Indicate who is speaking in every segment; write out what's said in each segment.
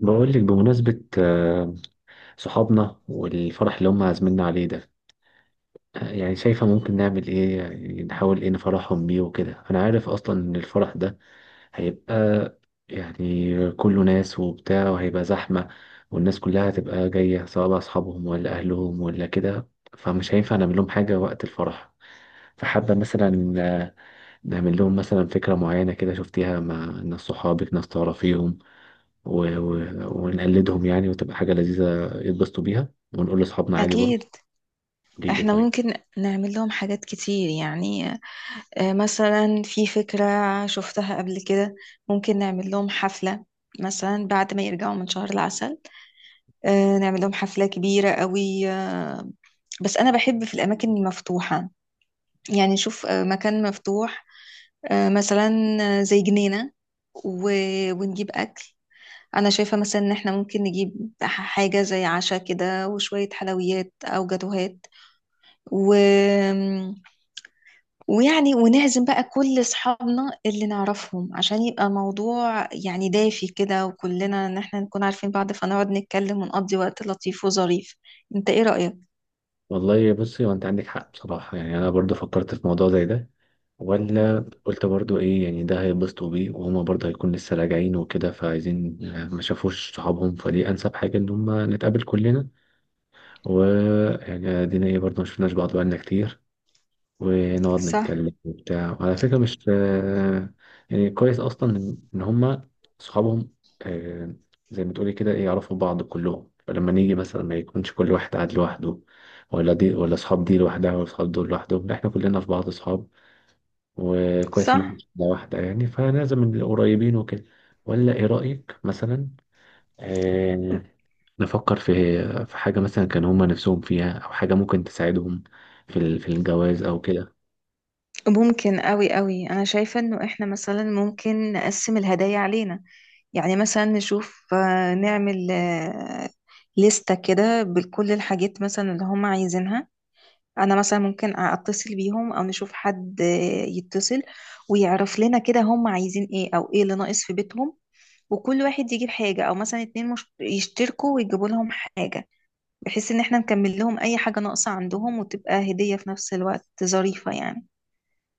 Speaker 1: بقول لك بمناسبة صحابنا والفرح اللي هم عازميننا عليه ده. يعني شايفة ممكن نعمل ايه، يعني نحاول ايه نفرحهم بيه وكده. انا عارف اصلا ان الفرح ده هيبقى، يعني كله ناس وبتاع وهيبقى زحمة، والناس كلها هتبقى جاية سواء بقى أصحابهم ولا أهلهم ولا كده. فمش هينفع نعمل لهم حاجة وقت الفرح. فحابة مثلا نعمل لهم مثلا فكرة معينة كده شفتيها مع ناس صحابك، ناس تعرفيهم و... ونقلدهم، يعني وتبقى حاجة لذيذة يتبسطوا بيها، ونقول لأصحابنا عادي
Speaker 2: أكيد.
Speaker 1: برضه. قولي لي
Speaker 2: إحنا
Speaker 1: طيب.
Speaker 2: ممكن نعمل لهم حاجات كتير يعني. مثلا في فكرة شفتها قبل كده. ممكن نعمل لهم حفلة مثلا بعد ما يرجعوا من شهر العسل. نعمل لهم حفلة كبيرة قوي. بس أنا بحب في الأماكن المفتوحة. يعني نشوف مكان مفتوح. مثلا زي جنينة. ونجيب أكل. أنا شايفة مثلا إن إحنا ممكن نجيب حاجة زي عشاء كده وشوية حلويات أو جاتوهات. و ويعني ونعزم بقى كل اصحابنا اللي نعرفهم عشان يبقى موضوع يعني دافي كده وكلنا ان احنا نكون عارفين بعض. فنقعد نتكلم ونقضي وقت لطيف وظريف. انت ايه رأيك؟
Speaker 1: والله بصي، هو أنت عندك حق بصراحة. يعني أنا برضه فكرت في موضوع زي ده ولا. قلت برضه إيه، يعني ده هيتبسطوا بيه، وهما برضه هيكون لسه راجعين وكده، فعايزين ما شافوش صحابهم، فدي أنسب حاجة إن هما نتقابل كلنا. ويعني دينا إيه برضه، ما شفناش بعض بقالنا كتير، ونقعد
Speaker 2: صح.
Speaker 1: نتكلم وبتاع. وعلى فكرة مش يعني كويس أصلا إن هما صحابهم، آه، زي ما تقولي كده إيه يعرفوا بعض كلهم، فلما نيجي مثلا ما يكونش كل واحد قاعد لوحده، ولا دي ولا صحاب دي لوحدها، ولا صحاب دول لوحدهم، لا إحنا كلنا في بعض صحاب. وكويس إن إحنا
Speaker 2: صح.
Speaker 1: شلة واحدة، يعني فلازم نبقى قريبين وكده. ولا إيه رأيك، مثلا آه، نفكر في حاجة مثلا كان هما نفسهم فيها، أو حاجة ممكن تساعدهم في الجواز أو كده.
Speaker 2: ممكن قوي قوي. انا شايفة انه احنا مثلا ممكن نقسم الهدايا علينا. يعني مثلا نشوف نعمل لستة كده بكل الحاجات مثلا اللي هم عايزينها. انا مثلا ممكن اتصل بيهم او نشوف حد يتصل ويعرف لنا كده هم عايزين ايه او ايه اللي ناقص في بيتهم. وكل واحد يجيب حاجة او مثلا اتنين يشتركوا ويجيبوا لهم حاجة. بحيث ان احنا نكمل لهم اي حاجة ناقصة عندهم وتبقى هدية في نفس الوقت ظريفة يعني.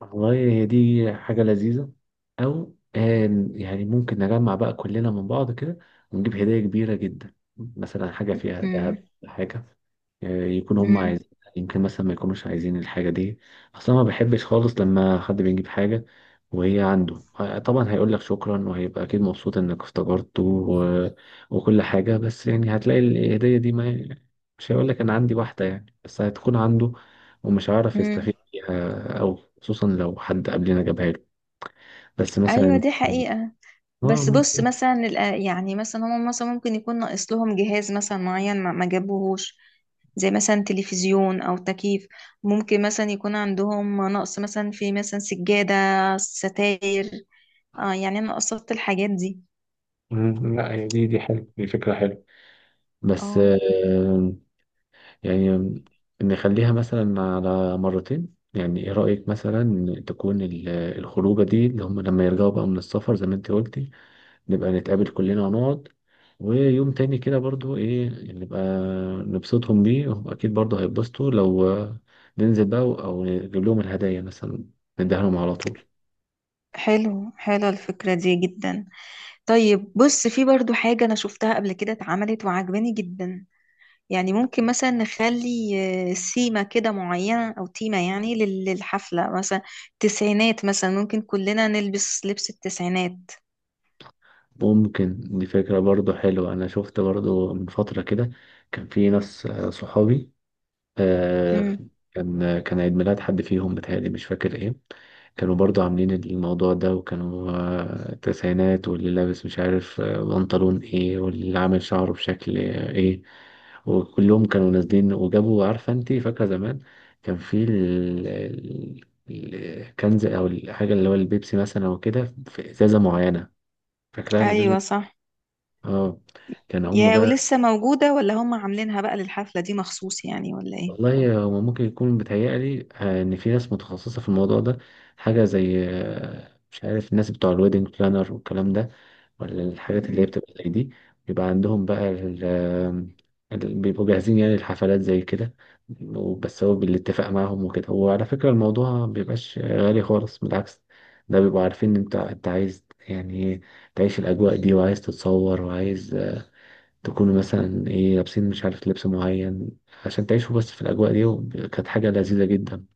Speaker 1: والله هي دي حاجة لذيذة، أو يعني ممكن نجمع بقى كلنا من بعض كده، ونجيب هدايا كبيرة جدا، مثلا حاجة فيها
Speaker 2: امم.
Speaker 1: ذهب، حاجة يكون هم
Speaker 2: امم.
Speaker 1: عايزين. يمكن مثلا ما يكونوش عايزين الحاجة دي أصلا. ما بحبش خالص لما حد بيجيب حاجة وهي عنده، طبعا هيقول لك شكرا وهيبقى أكيد مبسوط إنك افتكرته وكل حاجة، بس يعني هتلاقي الهدية دي ما مش هيقول لك أنا عندي واحدة يعني، بس هتكون عنده ومش هيعرف
Speaker 2: امم.
Speaker 1: يستفيد. أو خصوصا لو حد قبلنا جابها له، بس
Speaker 2: ايوه
Speaker 1: مثلا
Speaker 2: دي حقيقة. بس بص
Speaker 1: ممكن.
Speaker 2: مثلا يعني مثلا هم مثلا ممكن يكون ناقص لهم جهاز مثلا معين ما جابوهوش. زي مثلا تلفزيون او تكييف. ممكن مثلا يكون عندهم نقص مثلا في مثلا سجادة. ستاير. اه يعني انا قصدت الحاجات دي.
Speaker 1: مم، لا هي دي حلوة، دي فكرة حلوة. بس
Speaker 2: اه.
Speaker 1: يعني نخليها مثلا على مرتين. يعني ايه رأيك مثلا تكون الخروجة دي اللي هم لما يرجعوا بقى من السفر، زي ما انت قلتي، نبقى نتقابل كلنا ونقعد. ويوم تاني كده برضو ايه نبقى نبسطهم بيه، واكيد برضو هيتبسطوا لو ننزل بقى او نجيب لهم الهدايا مثلا نديها لهم على طول.
Speaker 2: حلو حلو الفكرة دي جدا. طيب بص في برضو حاجة انا شفتها قبل كده اتعملت وعجباني جدا. يعني ممكن مثلا نخلي سيمة كده معينة أو تيمة يعني للحفلة مثلا. تسعينات مثلا ممكن كلنا نلبس لبس التسعينات.
Speaker 1: ممكن، دي فكرة برضو حلوة. أنا شفت برضو من فترة كده كان في ناس صحابي، آه،
Speaker 2: امم.
Speaker 1: كان عيد ميلاد حد فيهم بتهيألي مش فاكر إيه. كانوا برضو عاملين الموضوع ده وكانوا تسعينات، واللي لابس مش عارف بنطلون إيه، واللي عامل شعره بشكل إيه، وكلهم كانوا نازلين. وجابوا، عارفة أنت فاكرة زمان كان في الكنز أو الحاجة اللي هو البيبسي مثلا وكده، في إزازة معينة، فاكرها الإزازة؟
Speaker 2: أيوة صح.
Speaker 1: اه، كان هم
Speaker 2: يا
Speaker 1: بقى.
Speaker 2: ولسه موجودة ولا هم عاملينها بقى للحفلة دي مخصوص يعني ولا ايه؟
Speaker 1: والله هم ممكن يكون بيتهيألي ان في ناس متخصصه في الموضوع ده، حاجه زي مش عارف، الناس بتوع الويدنج بلانر والكلام ده، ولا الحاجات اللي هي
Speaker 2: مم.
Speaker 1: بتبقى زي دي. بيبقى عندهم بقى بيبقوا جاهزين يعني الحفلات زي كده. بس هو بالاتفاق معاهم وكده. وعلى فكره الموضوع ما بيبقاش غالي خالص، بالعكس ده بيبقوا عارفين ان انت عايز، يعني إيه، تعيش الاجواء دي، وعايز تتصور، وعايز تكونوا مثلا ايه لابسين، مش عارف لبس معين، عشان تعيشوا بس في الأجواء دي. كانت حاجة لذيذة جدا،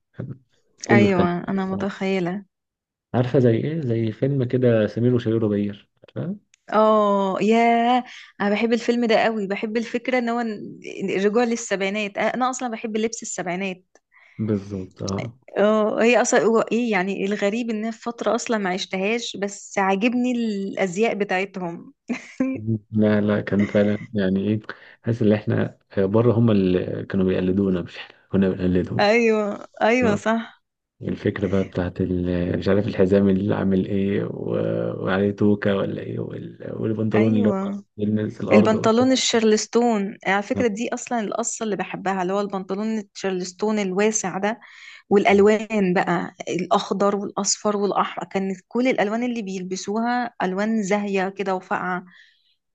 Speaker 1: كله كان،
Speaker 2: أيوة أنا متخيلة.
Speaker 1: عارفة زي ايه، زي فيلم كده سمير وشهير وبهير، عارفة؟
Speaker 2: اه يا. أنا بحب الفيلم ده قوي. بحب الفكرة ان هو الرجوع للسبعينات. أنا أصلا بحب لبس السبعينات.
Speaker 1: بالظبط، اه.
Speaker 2: اه هي اصلا هو ايه يعني. الغريب ان أنا في فتره اصلا ما عشتهاش بس عاجبني الازياء بتاعتهم.
Speaker 1: لا لا، كان فعلا يعني ايه، حاسس ان احنا بره، هم اللي كانوا بيقلدونا مش احنا كنا بنقلدهم.
Speaker 2: ايوه ايوه
Speaker 1: آه.
Speaker 2: صح. مم.
Speaker 1: الفكرة بقى بتاعت مش عارف، الحزام اللي عامل ايه وعليه توكة ولا ايه، والبنطلون اللي هو
Speaker 2: ايوه.
Speaker 1: بيلمس الأرض.
Speaker 2: البنطلون الشارلستون على فكره دي اصلا القصه اللي بحبها اللي هو البنطلون الشارلستون الواسع ده. والالوان بقى الاخضر والاصفر والاحمر كانت كل الالوان اللي بيلبسوها الوان زاهيه كده وفاقعه.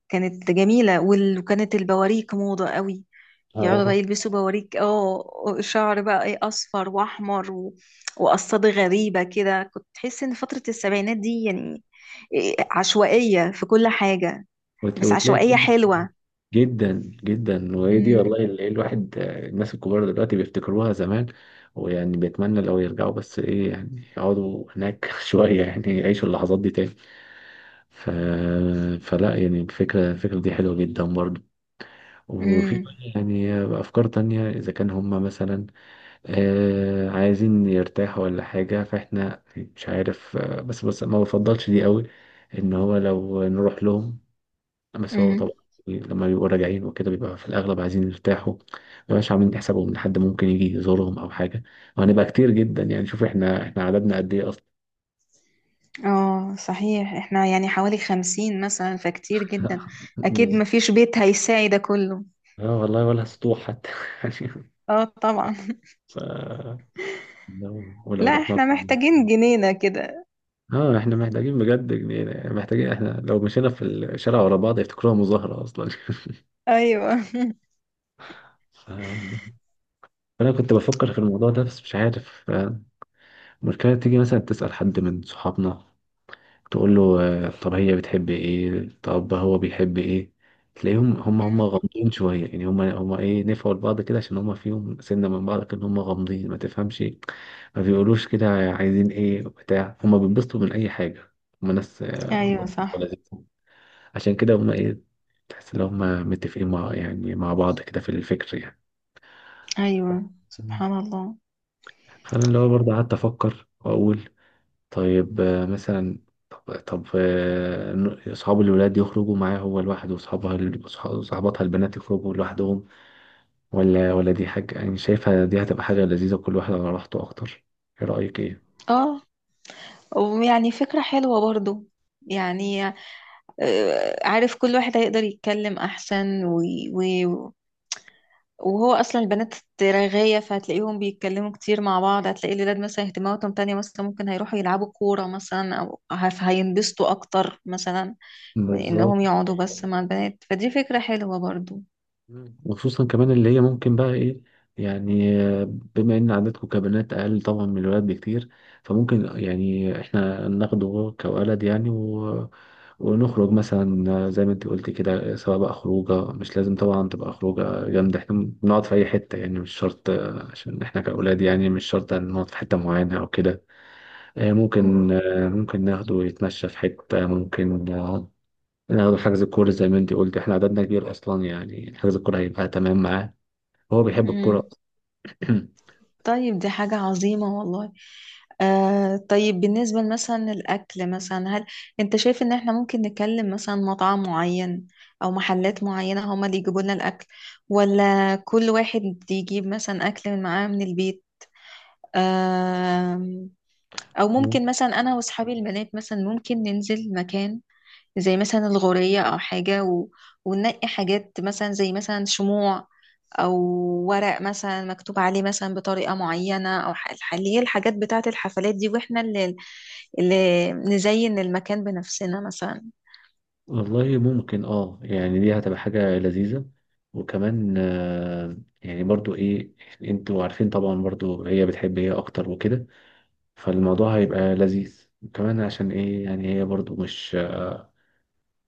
Speaker 2: كانت جميله وكانت البواريك موضه قوي. يقعدوا
Speaker 1: آه.
Speaker 2: بقى يلبسوا بوريك. اه شعر بقى ايه اصفر واحمر وقصات غريبه كده. كنت تحس ان فتره السبعينات دي يعني عشوائيه في كل حاجه. بس
Speaker 1: وتلاقي
Speaker 2: عشوائيه حلوه.
Speaker 1: جدا جدا. وهي دي والله
Speaker 2: امم.
Speaker 1: اللي إيه، الواحد الناس الكبار دلوقتي بيفتكروها زمان، ويعني بيتمنى لو يرجعوا، بس ايه يعني يقعدوا هناك شوية، يعني يعيشوا اللحظات دي تاني. ف... فلا، يعني الفكرة دي حلوة جدا برضو. وفي بقى
Speaker 2: امم.
Speaker 1: يعني أفكار تانية، إذا كان هما مثلا عايزين يرتاحوا ولا حاجة فإحنا مش عارف، بس ما بفضلش دي قوي، إن هو لو نروح لهم. بس هو
Speaker 2: امم.
Speaker 1: طبعا إيه، لما بيبقوا راجعين وكده بيبقى في الأغلب عايزين يرتاحوا، مبيبقاش عاملين حسابهم إن حد ممكن يجي يزورهم أو حاجة. وهنبقى كتير جدا، يعني شوف إحنا عددنا قد إيه أصلا.
Speaker 2: اه صحيح. احنا يعني حوالي 50 مثلا فكتير جدا. اكيد مفيش بيت هيساعي ده كله.
Speaker 1: اه والله ولا سطوح حتى.
Speaker 2: اه طبعا.
Speaker 1: ف... لو
Speaker 2: لا
Speaker 1: رحنا.
Speaker 2: احنا محتاجين جنينه كده.
Speaker 1: اه احنا محتاجين بجد جنينة، يعني محتاجين احنا، لو مشينا في الشارع ورا بعض يفتكروها مظاهرة اصلا.
Speaker 2: ايوه.
Speaker 1: ف... فانا كنت بفكر في الموضوع ده، بس مش عارف. المشكلة تيجي مثلا تسأل حد من صحابنا تقول له، طب هي بتحب ايه، طب هو بيحب ايه، تلاقيهم هم
Speaker 2: امم.
Speaker 1: غامضين شوية، يعني هم ايه، نفعوا لبعض كده، عشان هم فيهم سنة من بعض كده هم غامضين ما تفهمش، ما بيقولوش كده عايزين ايه بتاع، هم بينبسطوا من اي حاجة، هم ناس
Speaker 2: ايوه صح.
Speaker 1: لذيذة. عشان كده هم ايه، تحس ان هم متفقين مع، يعني مع بعض كده في الفكر يعني.
Speaker 2: ايوه سبحان الله.
Speaker 1: فانا اللي هو برضه قعدت افكر واقول، طيب مثلا، طب صحاب الولاد يخرجوا معاه هو لوحده، وصحابها صحباتها البنات يخرجوا لوحدهم، ولا دي حاجة، يعني شايفها دي هتبقى حاجة لذيذة كل واحد على راحته أكتر. إيه رأيك إيه؟
Speaker 2: اه ويعني فكرة حلوة برضو. يعني عارف كل واحد هيقدر يتكلم أحسن و... وهو أصلا البنات رغاية. فهتلاقيهم بيتكلموا كتير مع بعض. هتلاقي الولاد مثلا اهتماماتهم تانية. مثلا ممكن هيروحوا يلعبوا كورة مثلا أو هينبسطوا أكتر مثلا من
Speaker 1: بالظبط.
Speaker 2: إنهم يقعدوا بس مع البنات. فدي فكرة حلوة برضو.
Speaker 1: مم. وخصوصا كمان اللي هي ممكن بقى ايه، يعني بما ان عددكم كبنات اقل طبعا من الولاد بكتير، فممكن يعني احنا ناخده كولد يعني ونخرج مثلا زي ما انت قلت كده، سواء بقى خروجه. مش لازم طبعا تبقى خروجه جامده، احنا بنقعد في اي حته يعني، مش شرط عشان احنا كاولاد يعني مش شرط نقعد في حته معينه او كده. ممكن ناخده يتمشى في حته، ممكن ناخد حجز الكورة زي ما انت قلت، احنا عددنا كبير اصلا يعني، حجز الكورة هيبقى تمام معاه، هو بيحب الكورة.
Speaker 2: مم. طيب دي حاجة عظيمة والله. آه طيب بالنسبة مثلا الأكل مثلا. هل أنت شايف إن إحنا ممكن نكلم مثلا مطعم معين أو محلات معينة هما اللي يجيبوا لنا الأكل؟ ولا كل واحد يجيب مثلا أكل من معاه من البيت؟ آه. أو
Speaker 1: مم.
Speaker 2: ممكن مثلا أنا وأصحابي البنات مثلا ممكن ننزل مكان زي مثلا الغورية أو حاجة وننقي حاجات مثلا زي مثلا شموع أو ورق مثلا مكتوب عليه مثلا بطريقة معينة أو اللي هي الحاجات بتاعة الحفلات دي. وإحنا اللي نزين المكان بنفسنا مثلا.
Speaker 1: والله ممكن، اه يعني دي هتبقى حاجة لذيذة. وكمان يعني برضو ايه، انتوا عارفين طبعا برضو هي بتحب هي اكتر وكده، فالموضوع هيبقى لذيذ كمان، عشان ايه يعني هي برضو مش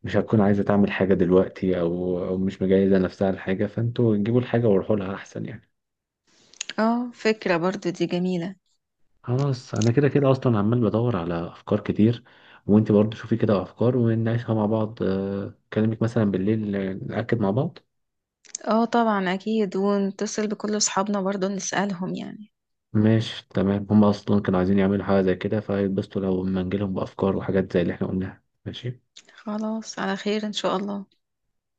Speaker 1: مش هتكون عايزة تعمل حاجة دلوقتي او مش مجهزة نفسها لحاجة، فانتوا جيبوا الحاجة وروحوا لها احسن يعني.
Speaker 2: اه فكرة برضو دي جميلة.
Speaker 1: خلاص انا كده كده اصلا عمال بدور على افكار كتير، وانت برضه شوفي كده افكار ونناقشها مع بعض. اكلمك مثلا بالليل، ناكد مع بعض.
Speaker 2: اه طبعا أكيد. ونتصل بكل أصحابنا برضو نسألهم يعني.
Speaker 1: ماشي تمام، هم اصلا كانوا عايزين يعملوا حاجه زي كده فهيتبسطوا لو ما نجيلهم بافكار وحاجات زي اللي احنا قلناها. ماشي.
Speaker 2: خلاص على خير إن شاء الله.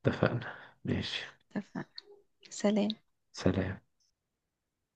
Speaker 1: اتفقنا. ماشي.
Speaker 2: اتفقنا. سلام.
Speaker 1: سلام.